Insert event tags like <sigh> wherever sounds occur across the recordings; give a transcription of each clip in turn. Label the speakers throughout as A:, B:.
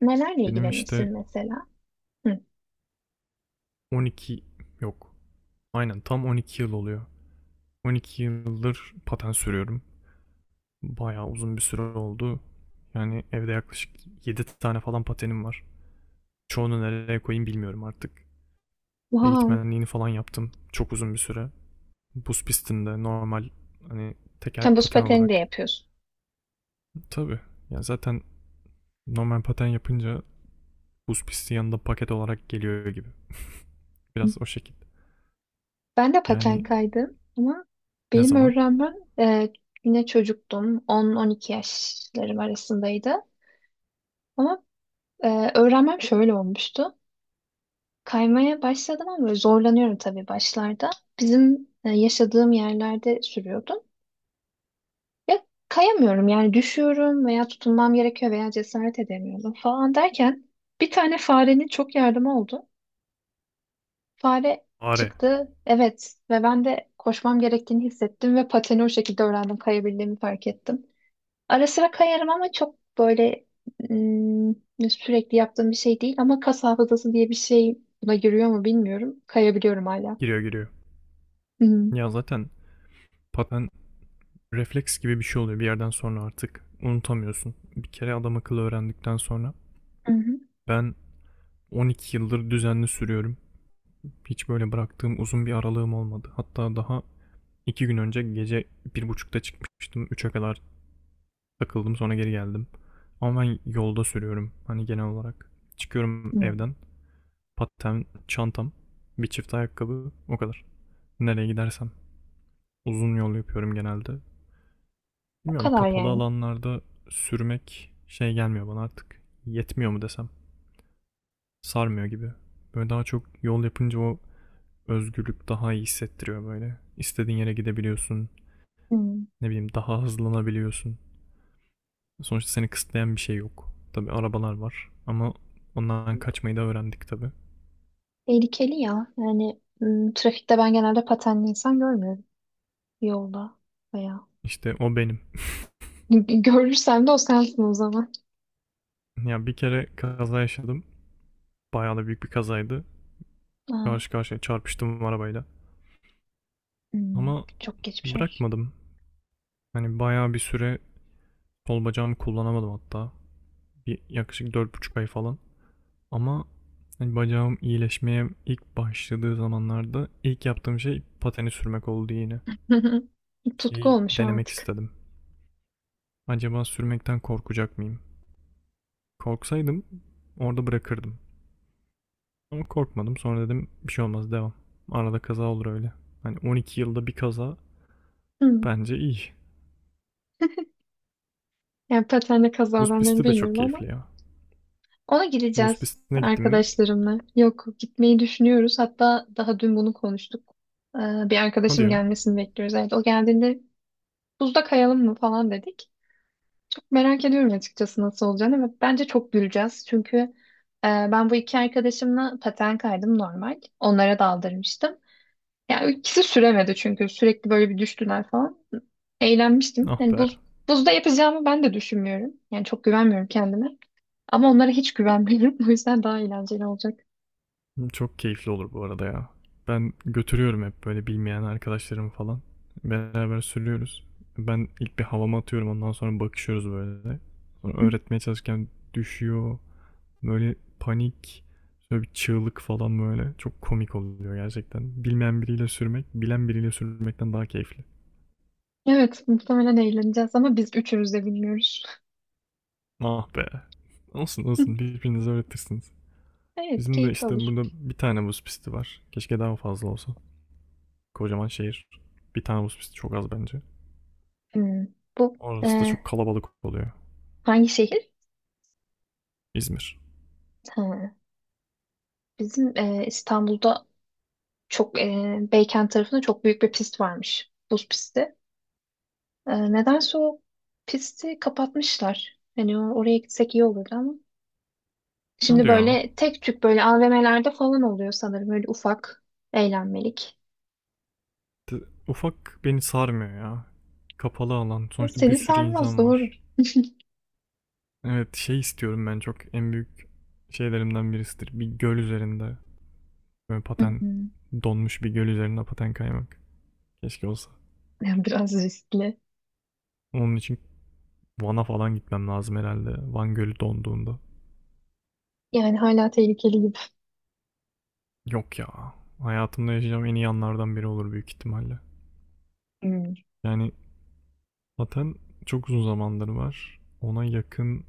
A: Nelerle
B: Benim işte
A: ilgilenirsin mesela? Hı.
B: 12 yok. Aynen tam 12 yıl oluyor. 12 yıldır patent sürüyorum. Bayağı uzun bir süre oldu. Yani evde yaklaşık 7 tane falan patenim var. Çoğunu nereye koyayım bilmiyorum artık.
A: Vay.
B: Eğitmenliğini falan yaptım. Çok uzun bir süre. Buz pistinde normal, hani teker
A: Sen buz
B: paten
A: pateni de
B: olarak.
A: yapıyorsun.
B: Tabii. Yani zaten normal paten yapınca buz pisti yanında paket olarak geliyor gibi. Biraz o şekilde.
A: Ben de paten
B: Yani
A: kaydım ama
B: ne
A: benim
B: zaman?
A: öğrenmem yine çocuktum. 10-12 yaşlarım arasındaydı. Ama öğrenmem şöyle olmuştu. Kaymaya başladım ama böyle zorlanıyorum tabii başlarda. Bizim yaşadığım yerlerde sürüyordum. Ya kayamıyorum yani düşüyorum veya tutunmam gerekiyor veya cesaret edemiyorum falan derken bir tane farenin çok yardımı oldu. Fare
B: Are.
A: çıktı evet ve ben de koşmam gerektiğini hissettim ve pateni o şekilde öğrendim kayabildiğimi fark ettim. Ara sıra kayarım ama çok böyle ım, sürekli yaptığım bir şey değil ama kas hafızası diye bir şey buna giriyor mu bilmiyorum. Kayabiliyorum hala.
B: Giriyor giriyor.
A: Hı hı.
B: Ya zaten paten refleks gibi bir şey oluyor bir yerden sonra artık. Unutamıyorsun. Bir kere adam akıllı öğrendikten sonra.
A: Hı hı.
B: Ben 12 yıldır düzenli sürüyorum. Hiç böyle bıraktığım uzun bir aralığım olmadı. Hatta daha 2 gün önce gece bir buçukta çıkmıştım. 3'e kadar takıldım sonra geri geldim. Ama ben yolda sürüyorum hani genel olarak. Çıkıyorum
A: Hı.
B: evden. Paten, çantam, bir çift ayakkabı o kadar. Nereye gidersem. Uzun yol yapıyorum genelde.
A: O
B: Bilmiyorum
A: kadar
B: kapalı
A: yani.
B: alanlarda sürmek şey gelmiyor bana artık. Yetmiyor mu desem. Sarmıyor gibi. Böyle daha çok yol yapınca o özgürlük daha iyi hissettiriyor böyle. İstediğin yere gidebiliyorsun.
A: Hı.
B: Ne bileyim daha hızlanabiliyorsun. Sonuçta seni kısıtlayan bir şey yok. Tabii arabalar var ama ondan kaçmayı da öğrendik tabii.
A: Tehlikeli ya. Yani trafikte ben genelde patenli insan görmüyorum yolda veya
B: İşte o benim. <laughs>
A: <laughs> görürsem de o sensin o zaman.
B: Ya bir kere kaza yaşadım. Bayağı da büyük bir kazaydı.
A: Aa,
B: Karşı karşıya çarpıştım arabayla.
A: Hı.
B: Ama
A: Çok geçmiş olsun.
B: bırakmadım. Hani bayağı bir süre sol bacağımı kullanamadım hatta. Bir yaklaşık 4,5 ay falan. Ama hani bacağım iyileşmeye ilk başladığı zamanlarda ilk yaptığım şey pateni sürmek oldu yine.
A: <laughs> Tutku
B: Şeyi
A: olmuş o
B: denemek
A: artık.
B: istedim. Acaba sürmekten korkacak mıyım? Korksaydım orada bırakırdım. Ama korkmadım. Sonra dedim bir şey olmaz devam. Arada kaza olur öyle. Hani 12 yılda bir kaza
A: Hı.
B: bence iyi.
A: Yani patenle
B: Buz
A: kazalarını
B: pisti de çok
A: bilmiyorum ama
B: keyifli ya.
A: ona
B: Buz
A: gideceğiz
B: pistine gittin mi?
A: arkadaşlarımla. Yok gitmeyi düşünüyoruz. Hatta daha dün bunu konuştuk. Ee, Bir
B: Hadi
A: arkadaşım
B: ya.
A: gelmesini bekliyoruz. Evet, o geldiğinde buzda kayalım mı falan dedik. Merak ediyorum açıkçası nasıl olacağını ve bence çok güleceğiz. Çünkü ben bu iki arkadaşımla paten kaydım normal. Onlara daldırmıştım. Yani ikisi süremedi çünkü sürekli böyle bir düştüler falan. Eğlenmiştim.
B: Ah
A: Yani
B: be.
A: buzda yapacağımı ben de düşünmüyorum. Yani çok güvenmiyorum kendime. Ama onlara hiç güvenmiyorum. <laughs> O yüzden daha eğlenceli olacak.
B: Çok keyifli olur bu arada ya. Ben götürüyorum hep böyle bilmeyen arkadaşlarımı falan. Beraber sürüyoruz. Ben ilk bir havama atıyorum ondan sonra bakışıyoruz böyle. Sonra
A: Hı.
B: öğretmeye çalışırken düşüyor. Böyle panik, böyle bir çığlık falan böyle. Çok komik oluyor gerçekten. Bilmeyen biriyle sürmek, bilen biriyle sürmekten daha keyifli.
A: Evet, muhtemelen eğleneceğiz ama biz üçümüz de bilmiyoruz.
B: Ah be. Olsun olsun
A: <laughs>
B: birbirinize öğretirsiniz.
A: Evet,
B: Bizim de
A: keyifli
B: işte
A: olur.
B: burada bir tane buz pisti var. Keşke daha fazla olsa. Kocaman şehir. Bir tane buz pisti çok az bence.
A: Hmm. Bu
B: Orası da
A: e,
B: çok kalabalık oluyor.
A: hangi şehir?
B: İzmir.
A: Ha, bizim İstanbul'da çok Beykent tarafında çok büyük bir pist varmış. Buz pisti. Nedense o pisti kapatmışlar. Hani oraya gitsek iyi olurdu ama.
B: Ne
A: Şimdi
B: hadi ya.
A: böyle tek tük böyle AVM'lerde falan oluyor sanırım. Böyle ufak eğlenmelik.
B: Ufak beni sarmıyor ya. Kapalı alan. Sonuçta bir
A: Seni
B: sürü
A: sarmaz
B: insan
A: doğru.
B: var. Evet şey istiyorum ben çok en büyük şeylerimden birisidir. Bir göl üzerinde. Böyle
A: Hı
B: paten
A: hı.
B: donmuş bir göl üzerinde paten kaymak. Keşke olsa.
A: Yani biraz riskli.
B: Onun için Van'a falan gitmem lazım herhalde. Van Gölü donduğunda.
A: Yani hala tehlikeli gibi.
B: Yok ya. Hayatımda yaşayacağım en iyi anlardan biri olur büyük ihtimalle.
A: Hmm.
B: Yani zaten çok uzun zamandır var. Ona yakın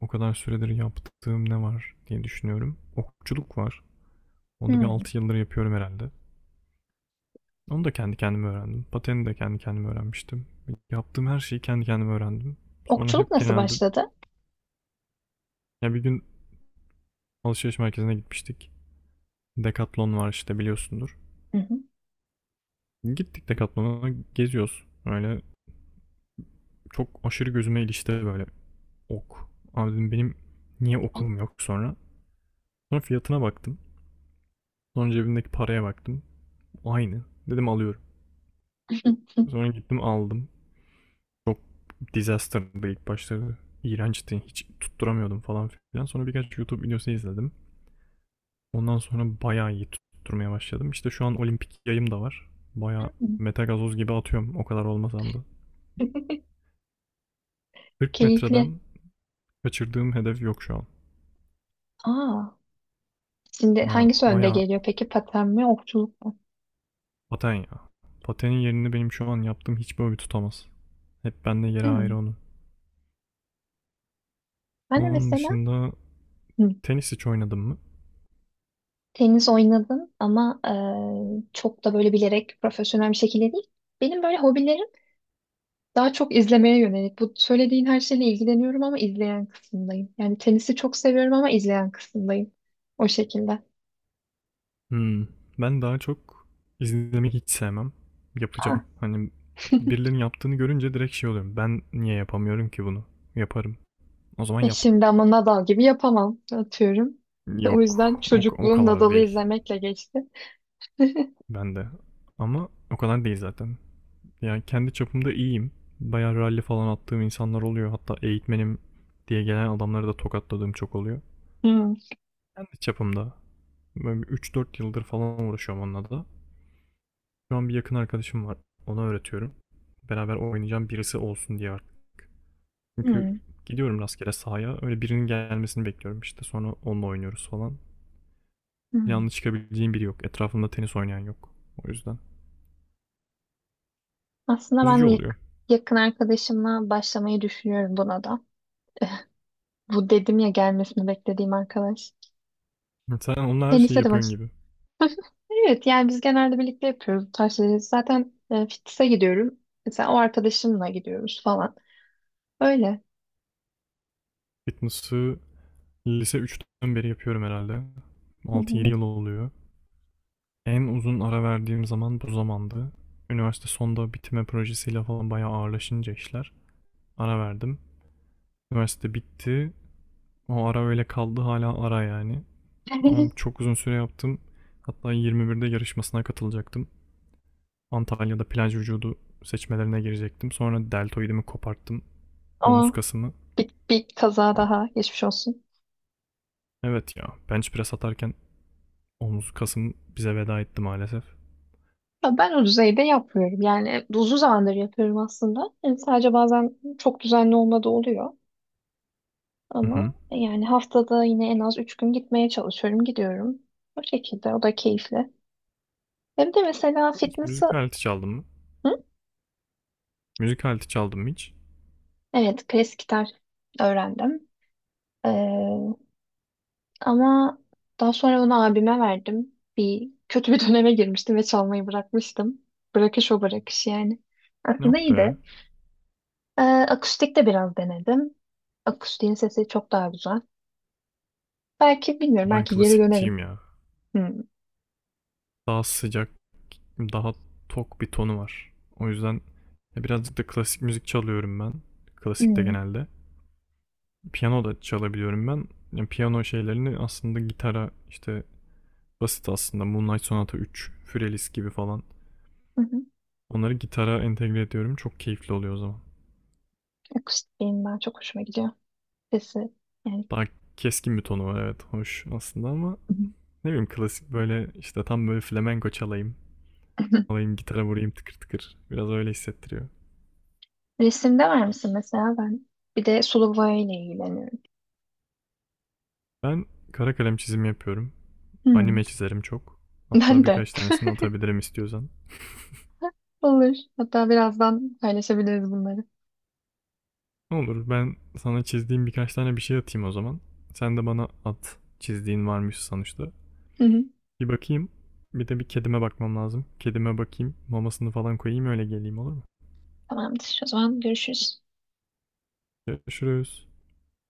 B: o kadar süredir yaptığım ne var diye düşünüyorum. Okçuluk var. Onu da bir
A: Hmm.
B: 6 yıldır yapıyorum herhalde. Onu da kendi kendime öğrendim. Pateni de kendi kendime öğrenmiştim. Yaptığım her şeyi kendi kendime öğrendim. Sonra
A: Okçuluk
B: hep
A: nasıl
B: genelde
A: başladı?
B: ya bir gün alışveriş merkezine gitmiştik. Decathlon var işte biliyorsundur.
A: Hı hı.
B: Gittik Decathlon'a geziyoruz. Öyle çok aşırı gözüme ilişti böyle ok. Abi dedim benim niye okum yok sonra. Sonra fiyatına baktım. Sonra cebimdeki paraya baktım. Aynı. Dedim alıyorum.
A: <laughs>
B: Sonra gittim aldım. Çok disaster'dı ilk başları. İğrençti. Hiç tutturamıyordum falan filan. Sonra birkaç YouTube videosu izledim. Ondan sonra bayağı iyi tutturmaya başladım. İşte şu an olimpik yayım da var. Bayağı metagazoz gibi atıyorum o kadar olmasam da. 40
A: Keyifli.
B: metreden kaçırdığım hedef yok şu an.
A: Aa, şimdi
B: Ya
A: hangisi önde
B: bayağı
A: geliyor peki? Paten mi, okçuluk mu?
B: paten ya. Patenin yerini benim şu an yaptığım hiçbir hobi tutamaz. Hep bende yeri
A: Hmm.
B: ayrı onun.
A: Ben de
B: Onun
A: mesela
B: dışında
A: hı,
B: tenis hiç oynadım mı?
A: tenis oynadım ama çok da böyle bilerek profesyonel bir şekilde değil. Benim böyle hobilerim daha çok izlemeye yönelik. Bu söylediğin her şeyle ilgileniyorum ama izleyen kısımdayım. Yani tenisi çok seviyorum ama izleyen kısımdayım. O şekilde.
B: Hımm. Ben daha çok izlemeyi hiç sevmem. Yapacağım.
A: Ah,
B: Hani birilerinin yaptığını görünce direkt şey oluyorum. Ben niye yapamıyorum ki bunu? Yaparım. O zaman yap.
A: şimdi ama Nadal gibi yapamam atıyorum. O
B: Yok.
A: yüzden
B: O
A: çocukluğum
B: kadar
A: Nadal'ı
B: değil.
A: izlemekle geçti.
B: Ben de. Ama o kadar değil zaten. Yani kendi çapımda iyiyim. Bayağı rally falan attığım insanlar oluyor. Hatta eğitmenim diye gelen adamları da tokatladığım çok oluyor.
A: Hı,
B: Kendi çapımda. Böyle bir 3-4 yıldır falan uğraşıyorum onunla da. Şu an bir yakın arkadaşım var. Ona öğretiyorum. Beraber oynayacağım birisi olsun diye artık. Çünkü
A: hı,
B: gidiyorum rastgele sahaya. Öyle birinin gelmesini bekliyorum işte. Sonra onunla oynuyoruz falan.
A: hı.
B: Planlı çıkabileceğim biri yok. Etrafımda tenis oynayan yok. O yüzden.
A: Aslında
B: Üzücü
A: ben
B: oluyor.
A: yakın arkadaşımla başlamayı düşünüyorum buna da. Bu dedim ya gelmesini beklediğim arkadaş.
B: Sen onlar her şeyi
A: Tenise de
B: yapıyorsun
A: baş.
B: gibi.
A: Evet yani biz genelde birlikte yapıyoruz bu tarz şeyleri. Zaten fitness'e gidiyorum. Mesela o arkadaşımla gidiyoruz falan. Öyle.
B: Fitness'ı lise üçten beri yapıyorum herhalde.
A: Hı
B: Altı
A: hı.
B: yedi yıl oluyor. En uzun ara verdiğim zaman bu zamandı. Üniversite sonda bitirme projesiyle falan bayağı ağırlaşınca işler. Ara verdim. Üniversite bitti. O ara öyle kaldı hala ara yani. Ama
A: <laughs>
B: çok uzun süre yaptım. Hatta 21'de yarışmasına katılacaktım. Antalya'da plaj vücudu seçmelerine girecektim. Sonra deltoidimi koparttım. Omuz
A: O
B: kasımı.
A: bir kaza
B: Yani
A: daha geçmiş olsun.
B: evet ya bench press atarken omuz kasım bize veda etti maalesef.
A: Ya ben o düzeyde yapmıyorum. Yani uzun zamandır yapıyorum aslında. Yani sadece bazen çok düzenli olmadığı oluyor.
B: Hı hı.
A: Ama yani haftada yine en az 3 gün gitmeye çalışıyorum. Gidiyorum. O şekilde. O da keyifli. Hem de mesela
B: Hiç
A: fitness'ı...
B: müzik aleti çaldım mı?
A: Hı?
B: Müzik aleti çaldım mı hiç?
A: Evet, klasik gitar öğrendim. Ee, Ama daha sonra onu abime verdim. Bir kötü bir <laughs> döneme girmiştim ve çalmayı bırakmıştım. Bırakış o bırakış yani. Aslında
B: Yok
A: iyi
B: be.
A: de. Akustik de biraz denedim. Akustiğin sesi çok daha güzel. Belki bilmiyorum
B: Ben
A: belki geri dönerim.
B: klasikçiyim ya.
A: Hmm.
B: Daha sıcak, daha tok bir tonu var. O yüzden birazcık da klasik müzik çalıyorum ben. Klasik de
A: Hmm.
B: genelde. Piyano da çalabiliyorum ben. Yani piyano şeylerini aslında gitara işte basit aslında Moonlight Sonata 3, Fürelis gibi falan.
A: Hı hı.
B: Onları gitara entegre ediyorum. Çok keyifli oluyor o zaman.
A: Akustik benim daha çok hoşuma gidiyor. Sesi yani.
B: Daha keskin bir tonu var evet. Hoş aslında ama
A: Hı
B: ne bileyim klasik böyle işte tam böyle flamenko çalayım.
A: hı. <laughs>
B: Alayım gitara vurayım tıkır tıkır. Biraz öyle hissettiriyor.
A: Resimde var mısın mesela ben? Bir de sulu boyayla ilgileniyorum.
B: Ben kara kalem çizimi yapıyorum.
A: Hmm.
B: Anime çizerim çok. Hatta
A: Ben de.
B: birkaç tanesini atabilirim istiyorsan.
A: <laughs> Olur. Hatta birazdan paylaşabiliriz bunları.
B: Ne olur ben sana çizdiğim birkaç tane bir şey atayım o zaman. Sen de bana at. Çizdiğin varmış sonuçta.
A: Hı hı.
B: Bir bakayım. Bir de bir kedime bakmam lazım. Kedime bakayım. Mamasını falan koyayım öyle geleyim olur mu?
A: Tamamdır. O zaman görüşürüz.
B: Görüşürüz.